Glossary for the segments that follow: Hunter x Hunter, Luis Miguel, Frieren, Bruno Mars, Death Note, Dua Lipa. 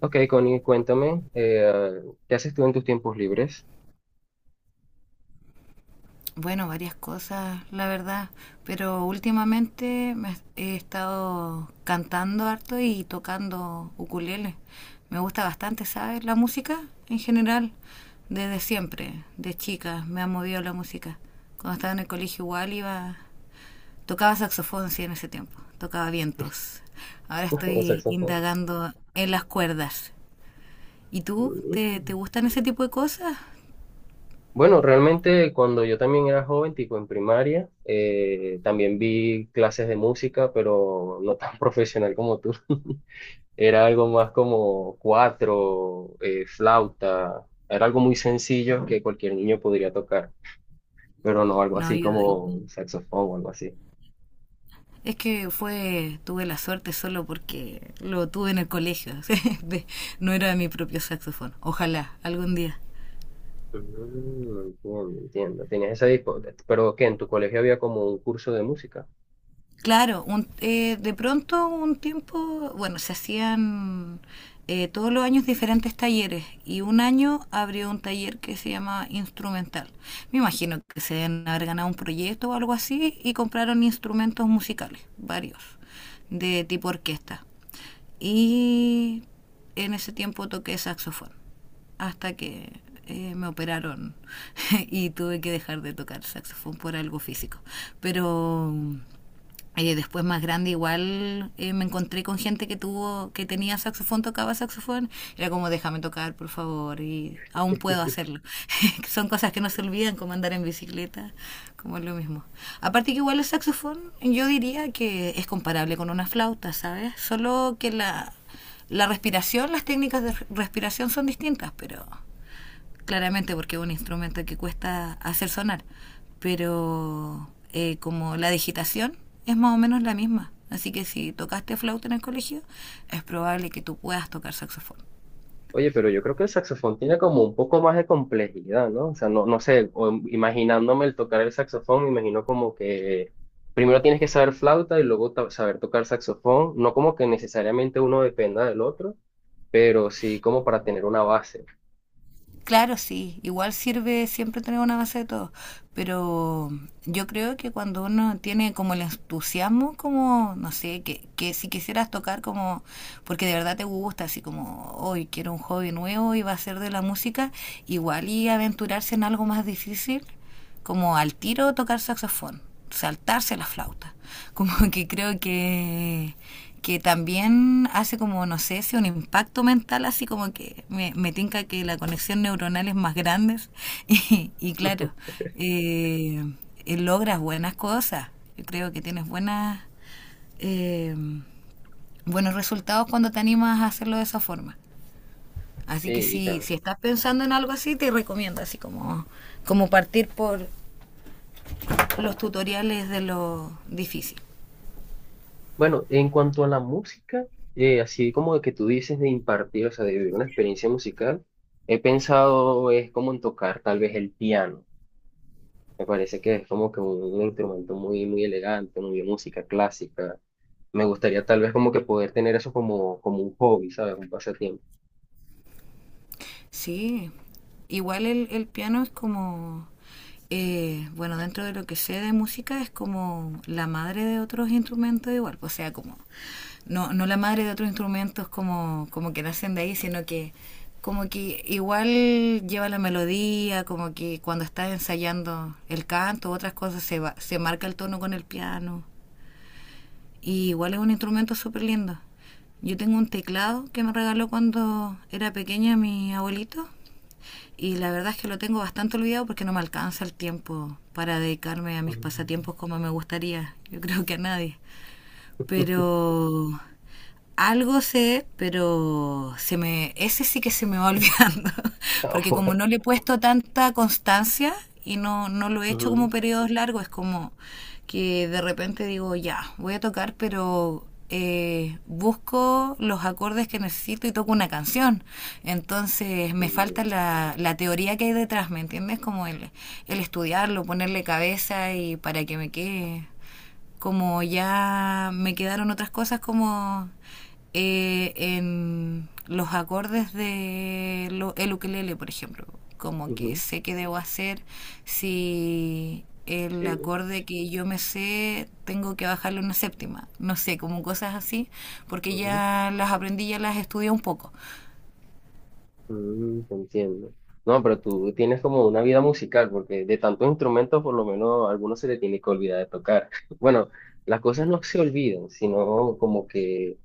Ok, Connie, cuéntame, ¿qué haces tú en tus tiempos libres? Bueno, varias cosas, la verdad, pero últimamente he estado cantando harto y tocando ukulele. Me gusta bastante, ¿sabes? La música en general, desde siempre, de chica, me ha movido la música. Cuando estaba en el colegio igual iba, tocaba saxofón, sí, en ese tiempo, tocaba vientos. Ahora O estoy saxofón. indagando en las cuerdas. ¿Y tú? ¿Te, Mm. te gustan ese tipo de cosas? Bueno, realmente cuando yo también era joven, tipo en primaria, también vi clases de música, pero no tan profesional como tú. Era algo más como cuatro, flauta, era algo muy sencillo que cualquier niño podría tocar, pero no algo No, así yo, como saxofón o algo así. es que fue, tuve la suerte solo porque lo tuve en el colegio. No era mi propio saxofón. Ojalá, algún día. Mm, entiendo, entiendo. Pero ¿qué? ¿En tu colegio había como un curso de música? Claro, de pronto un tiempo, bueno, se hacían todos los años diferentes talleres y un año abrió un taller que se llama instrumental. Me imagino que se deben haber ganado un proyecto o algo así y compraron instrumentos musicales, varios, de tipo orquesta. Y en ese tiempo toqué saxofón, hasta que me operaron y tuve que dejar de tocar saxofón por algo físico. Pero después más grande, igual me encontré con gente que tuvo que tenía saxofón, tocaba saxofón, era como déjame tocar por favor, y aún puedo hacerlo. Son cosas que no se olvidan, como andar en bicicleta, como es lo mismo. Aparte que igual el saxofón, yo diría que es comparable con una flauta, sabes, solo que la respiración, las técnicas de respiración son distintas, pero claramente porque es un instrumento que cuesta hacer sonar, pero como la digitación es más o menos la misma. Así que si tocaste flauta en el colegio, es probable que tú puedas tocar saxofón. Oye, pero yo creo que el saxofón tiene como un poco más de complejidad, ¿no? O sea, no, no sé, imaginándome el tocar el saxofón, me imagino como que primero tienes que saber flauta y luego saber tocar saxofón, no como que necesariamente uno dependa del otro, pero sí como para tener una base. Claro, sí, igual sirve siempre tener una base de todo, pero yo creo que cuando uno tiene como el entusiasmo, como, no sé, que si quisieras tocar como, porque de verdad te gusta, así como, hoy quiero un hobby nuevo y va a ser de la música, igual y aventurarse en algo más difícil, como al tiro tocar saxofón, saltarse la flauta. Como que creo que también hace como, no sé, si un impacto mental, así como que me tinca que la conexión neuronal es más grande. Y, y claro, eh, logras buenas cosas. Yo creo que tienes buenas, eh, buenos resultados cuando te animas a hacerlo de esa forma. Así que Sí, y si, tal. si estás pensando en algo así, te recomiendo así como, como partir por los tutoriales de lo difícil. Bueno, en cuanto a la música, así como de que tú dices de impartir, o sea, de vivir una experiencia musical, he pensado es como en tocar tal vez el piano. Me parece que es como que un instrumento muy, muy elegante, muy de música clásica. Me gustaría tal vez como que poder tener eso como, como un hobby, ¿sabes? Un pasatiempo. Sí, igual el piano es como, bueno, dentro de lo que sé de música, es como la madre de otros instrumentos igual, o sea, como, no, no la madre de otros instrumentos como, como que nacen de ahí, sino que como que igual lleva la melodía, como que cuando estás ensayando el canto, otras cosas, se, va, se marca el tono con el piano. Y igual es un instrumento súper lindo. Yo tengo un teclado que me regaló cuando era pequeña mi abuelito, y la verdad es que lo tengo bastante olvidado porque no me alcanza el tiempo para dedicarme a mis Ujú, pasatiempos como me gustaría, yo creo que a nadie. Pero algo sé, pero se me, ese sí que se me va olvidando, porque como ahora, no le he puesto tanta constancia y no, no lo he hecho como ujú, periodos largos, es como que de repente digo, ya, voy a tocar, pero busco los acordes que necesito y toco una canción. Entonces me mm, falta la teoría que hay detrás, ¿me entiendes? Como el estudiarlo, ponerle cabeza y para que me quede como ya me quedaron otras cosas como en los acordes de lo, el ukelele, por ejemplo. Como que ujú, sé que debo hacer si el sí, acorde que yo me sé tengo que bajarle una séptima. No sé, como cosas así, porque ujú. ya las aprendí, ya las estudié un poco. Mm, te entiendo. No, pero tú tienes como una vida musical, porque de tantos instrumentos por lo menos a algunos se le tiene que olvidar de tocar. Bueno, las cosas no se olvidan, sino como que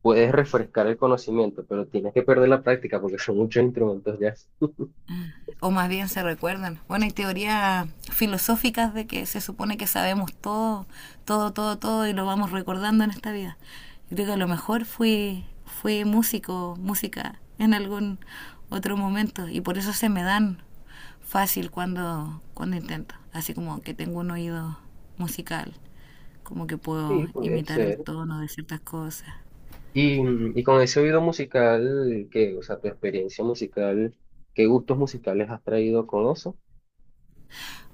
puedes refrescar el conocimiento, pero tienes que perder la práctica porque son muchos instrumentos ya. O más bien se recuerdan. Bueno, hay teorías filosóficas de que se supone que sabemos todo, todo, todo, todo, y lo vamos recordando en esta vida. Yo creo que a lo mejor fui músico, música en algún otro momento, y por eso se me dan fácil cuando intento. Así como que tengo un oído musical, como que puedo Sí, puede imitar el ser. tono de ciertas cosas. Y, mm, y con ese oído musical, que, o sea, tu experiencia musical, ¿qué gustos musicales has traído con eso?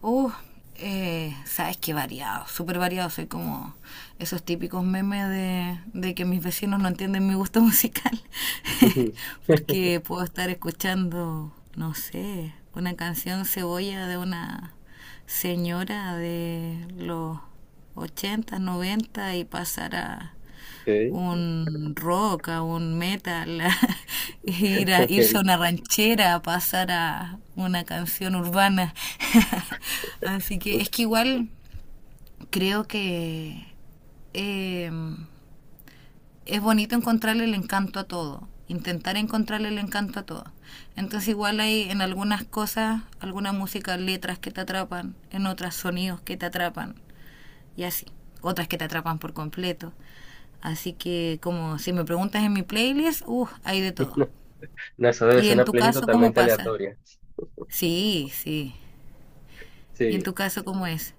Uh, sabes que variado, súper variado. Soy como esos típicos memes de que mis vecinos no entienden mi gusto musical. Ujú. Porque puedo estar escuchando, no sé, una canción cebolla de una señora de los ochenta, noventa, y pasar a Okay, un rock, a un metal, a ir a, irse a okay. una ranchera, a pasar a una canción urbana. Así que Pues, es que igual creo que eh, es bonito encontrarle el encanto a todo, intentar encontrarle el encanto a todo. Entonces igual hay en algunas cosas, alguna música, letras que te atrapan, en otras sonidos que te atrapan, y así. Otras que te atrapan por completo. Así que como si me preguntas en mi playlist, hay de todo. no, no, eso debe ¿Y ser en una tu playlist caso cómo totalmente pasa? aleatoria. Sí, sí. ¿Y en Sí. tu caso cómo es?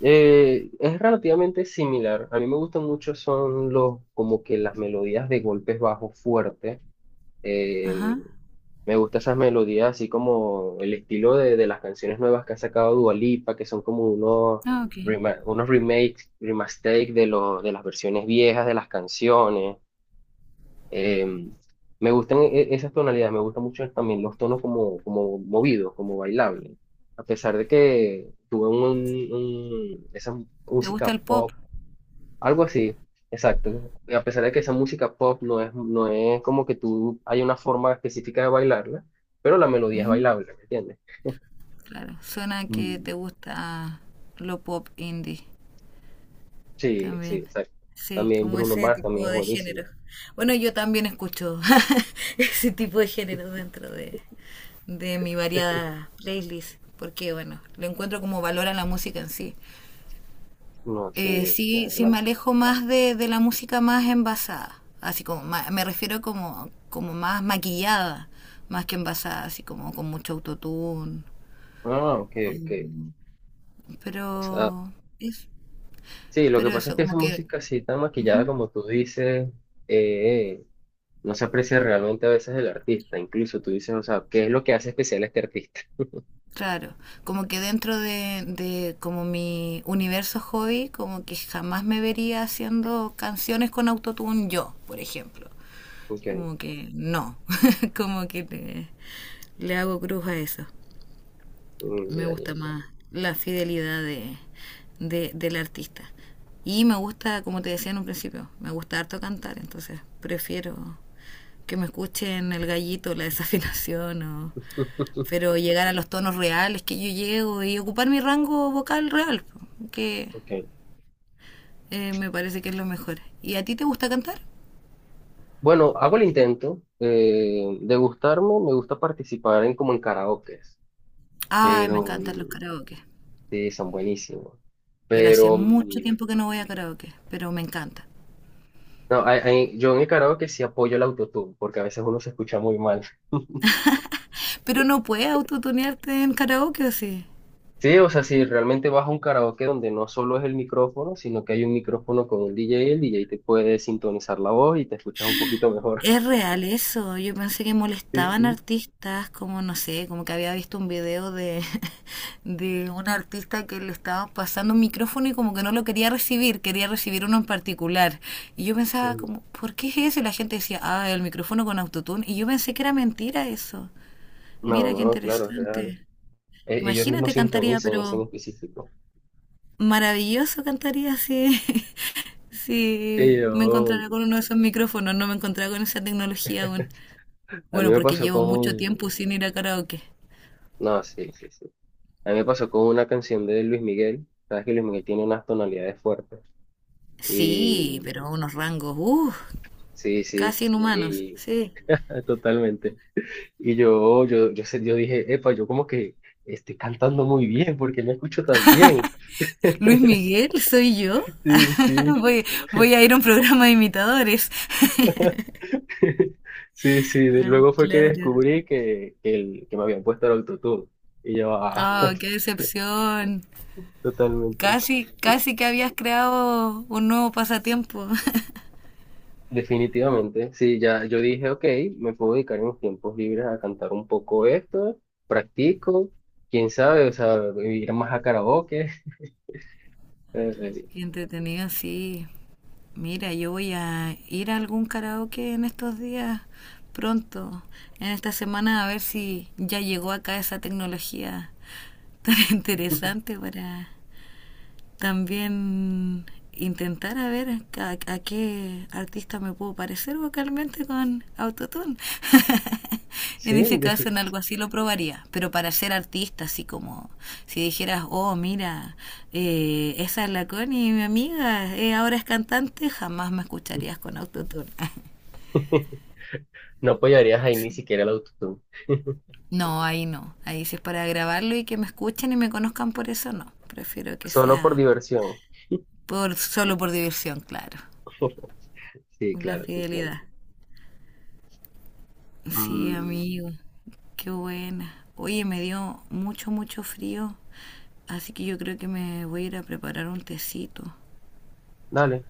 Es relativamente similar. A mí me gustan mucho son los, como que las melodías de golpes bajos fuertes. Ajá. Me gusta esas melodías, así como el estilo de las canciones nuevas que ha sacado Dua Lipa, que son como unos, Ah, ok. Unos remakes, remastake de, de las versiones viejas de las canciones. Eh, me gustan esas tonalidades, me gustan mucho también los tonos como, como movidos, como bailables. A pesar de que tuve un, esa ¿Te gusta música el pop? pop algo así, exacto. Y a pesar de que esa música pop no es, no es como que tú hay una forma específica de bailarla, pero la melodía es Ujú. bailable, ¿me entiendes? Claro. Suena que Mm. te gusta lo pop indie. Sí, sí, También. exacto. Sí, También como Bruno ese Mars también tipo es de buenísimo. género. Bueno, yo también escucho ese tipo de género dentro de mi variada playlist, porque bueno, lo encuentro como valor a la música en sí. No, sí, de Sí, sí verdad. me alejo más de la música más envasada, así como me refiero como, como más maquillada, más que envasada, así como con mucho autotune. Ah, ok, ok. o- O sea, Pero es, sí, lo que pero pasa es eso, que esa como que música así tan maquillada ujú. como tú dices, eh, no se aprecia realmente a veces el artista. Incluso tú dices, o sea, ¿qué es lo que hace especial a este artista? Claro, como que dentro de como mi universo hobby, como que jamás me vería haciendo canciones con autotune yo, por ejemplo. Ok, Como que no, como que le hago cruz a eso. mm, Me ya, ya, gusta ya. más la fidelidad de- del artista. Y me gusta, como te decía en un principio, me gusta harto cantar, entonces prefiero que me escuchen el gallito, la desafinación o, pero llegar a los tonos reales que yo llego y ocupar mi rango vocal real, que Ok. Me parece que es lo mejor. ¿Y a ti te gusta cantar? Bueno, hago el intento de gustarme, me gusta participar en como en karaokes, Ay, me pero encantan los mm, karaoke. sí, son buenísimos. Pero hace Pero mm, mucho tiempo que no voy a karaoke, pero me encanta. no, yo en el karaoke sí apoyo el autotune, porque a veces uno se escucha muy mal. Pero no puedes autotunearte en karaoke, ¿o sí? Sí, o sea, si realmente vas a un karaoke donde no solo es el micrófono, sino que hay un micrófono con un DJ, el DJ te puede sintonizar la voz y te escuchas un poquito mejor. Es real eso. Yo pensé que Sí, molestaban sí. artistas, como no sé, como que había visto un video de, de un artista que le estaba pasando un micrófono y como que no lo quería recibir uno en particular. Y yo pensaba Mm. como, ¿por qué es eso? Y la gente decía, ah, el micrófono con autotune. Y yo pensé que era mentira eso. No, Mira qué no, claro, es real. interesante. Ellos mismos Imagínate, cantaría, sintonizan ese en pero específico. maravilloso cantaría si, Sí, si me yo. encontrara con uno de esos micrófonos. No me encontraba con esa tecnología aún. A mí Bueno, me porque pasó llevo mucho con... tiempo sin ir a karaoke. No, sí, sí, sí. A mí me pasó con una canción de Luis Miguel. Sabes que Luis Miguel tiene unas tonalidades fuertes. Sí, Y... pero a unos rangos, Sí, sí. casi inhumanos. Y... Sí. Totalmente. Y yo dije, epa, yo como que estoy cantando muy bien porque me escucho tan bien. Luis Miguel, soy yo. Sí, sí. Voy, voy a ir a un programa de imitadores. Sí, sí. Ah, Luego fue que claro. descubrí que, el, que me habían puesto el autotune. Y yo, ah, Oh, qué decepción. totalmente. Casi, casi que habías creado un nuevo pasatiempo. Definitivamente, sí, ya yo dije, ok, me puedo dedicar en mis tiempos libres a cantar un poco esto, practico, quién sabe, o sea, ir más a karaoke. eh, Qué entretenido, sí. Mira, yo voy a ir a algún karaoke en estos días pronto, en esta semana, a ver si ya llegó acá esa tecnología tan interesante para también intentar a ver a, qué artista me puedo parecer vocalmente con autotune. Sí, En ese caso, en algo así lo probaría. Pero para ser artista, así como si dijeras, oh, mira, esa es la Connie, mi amiga, ahora es cantante, jamás me escucharías con autotune. no apoyarías ahí ni Sí. siquiera el autotune, No, ahí no. Ahí si es para grabarlo y que me escuchen y me conozcan por eso, no. Prefiero que solo por sea diversión. por, solo por diversión, claro. Sí, La claro, te entiendo. fidelidad. Sí, Mm, amigo, qué buena. Oye, me dio mucho, mucho frío, así que yo creo que me voy a ir a preparar un tecito. dale.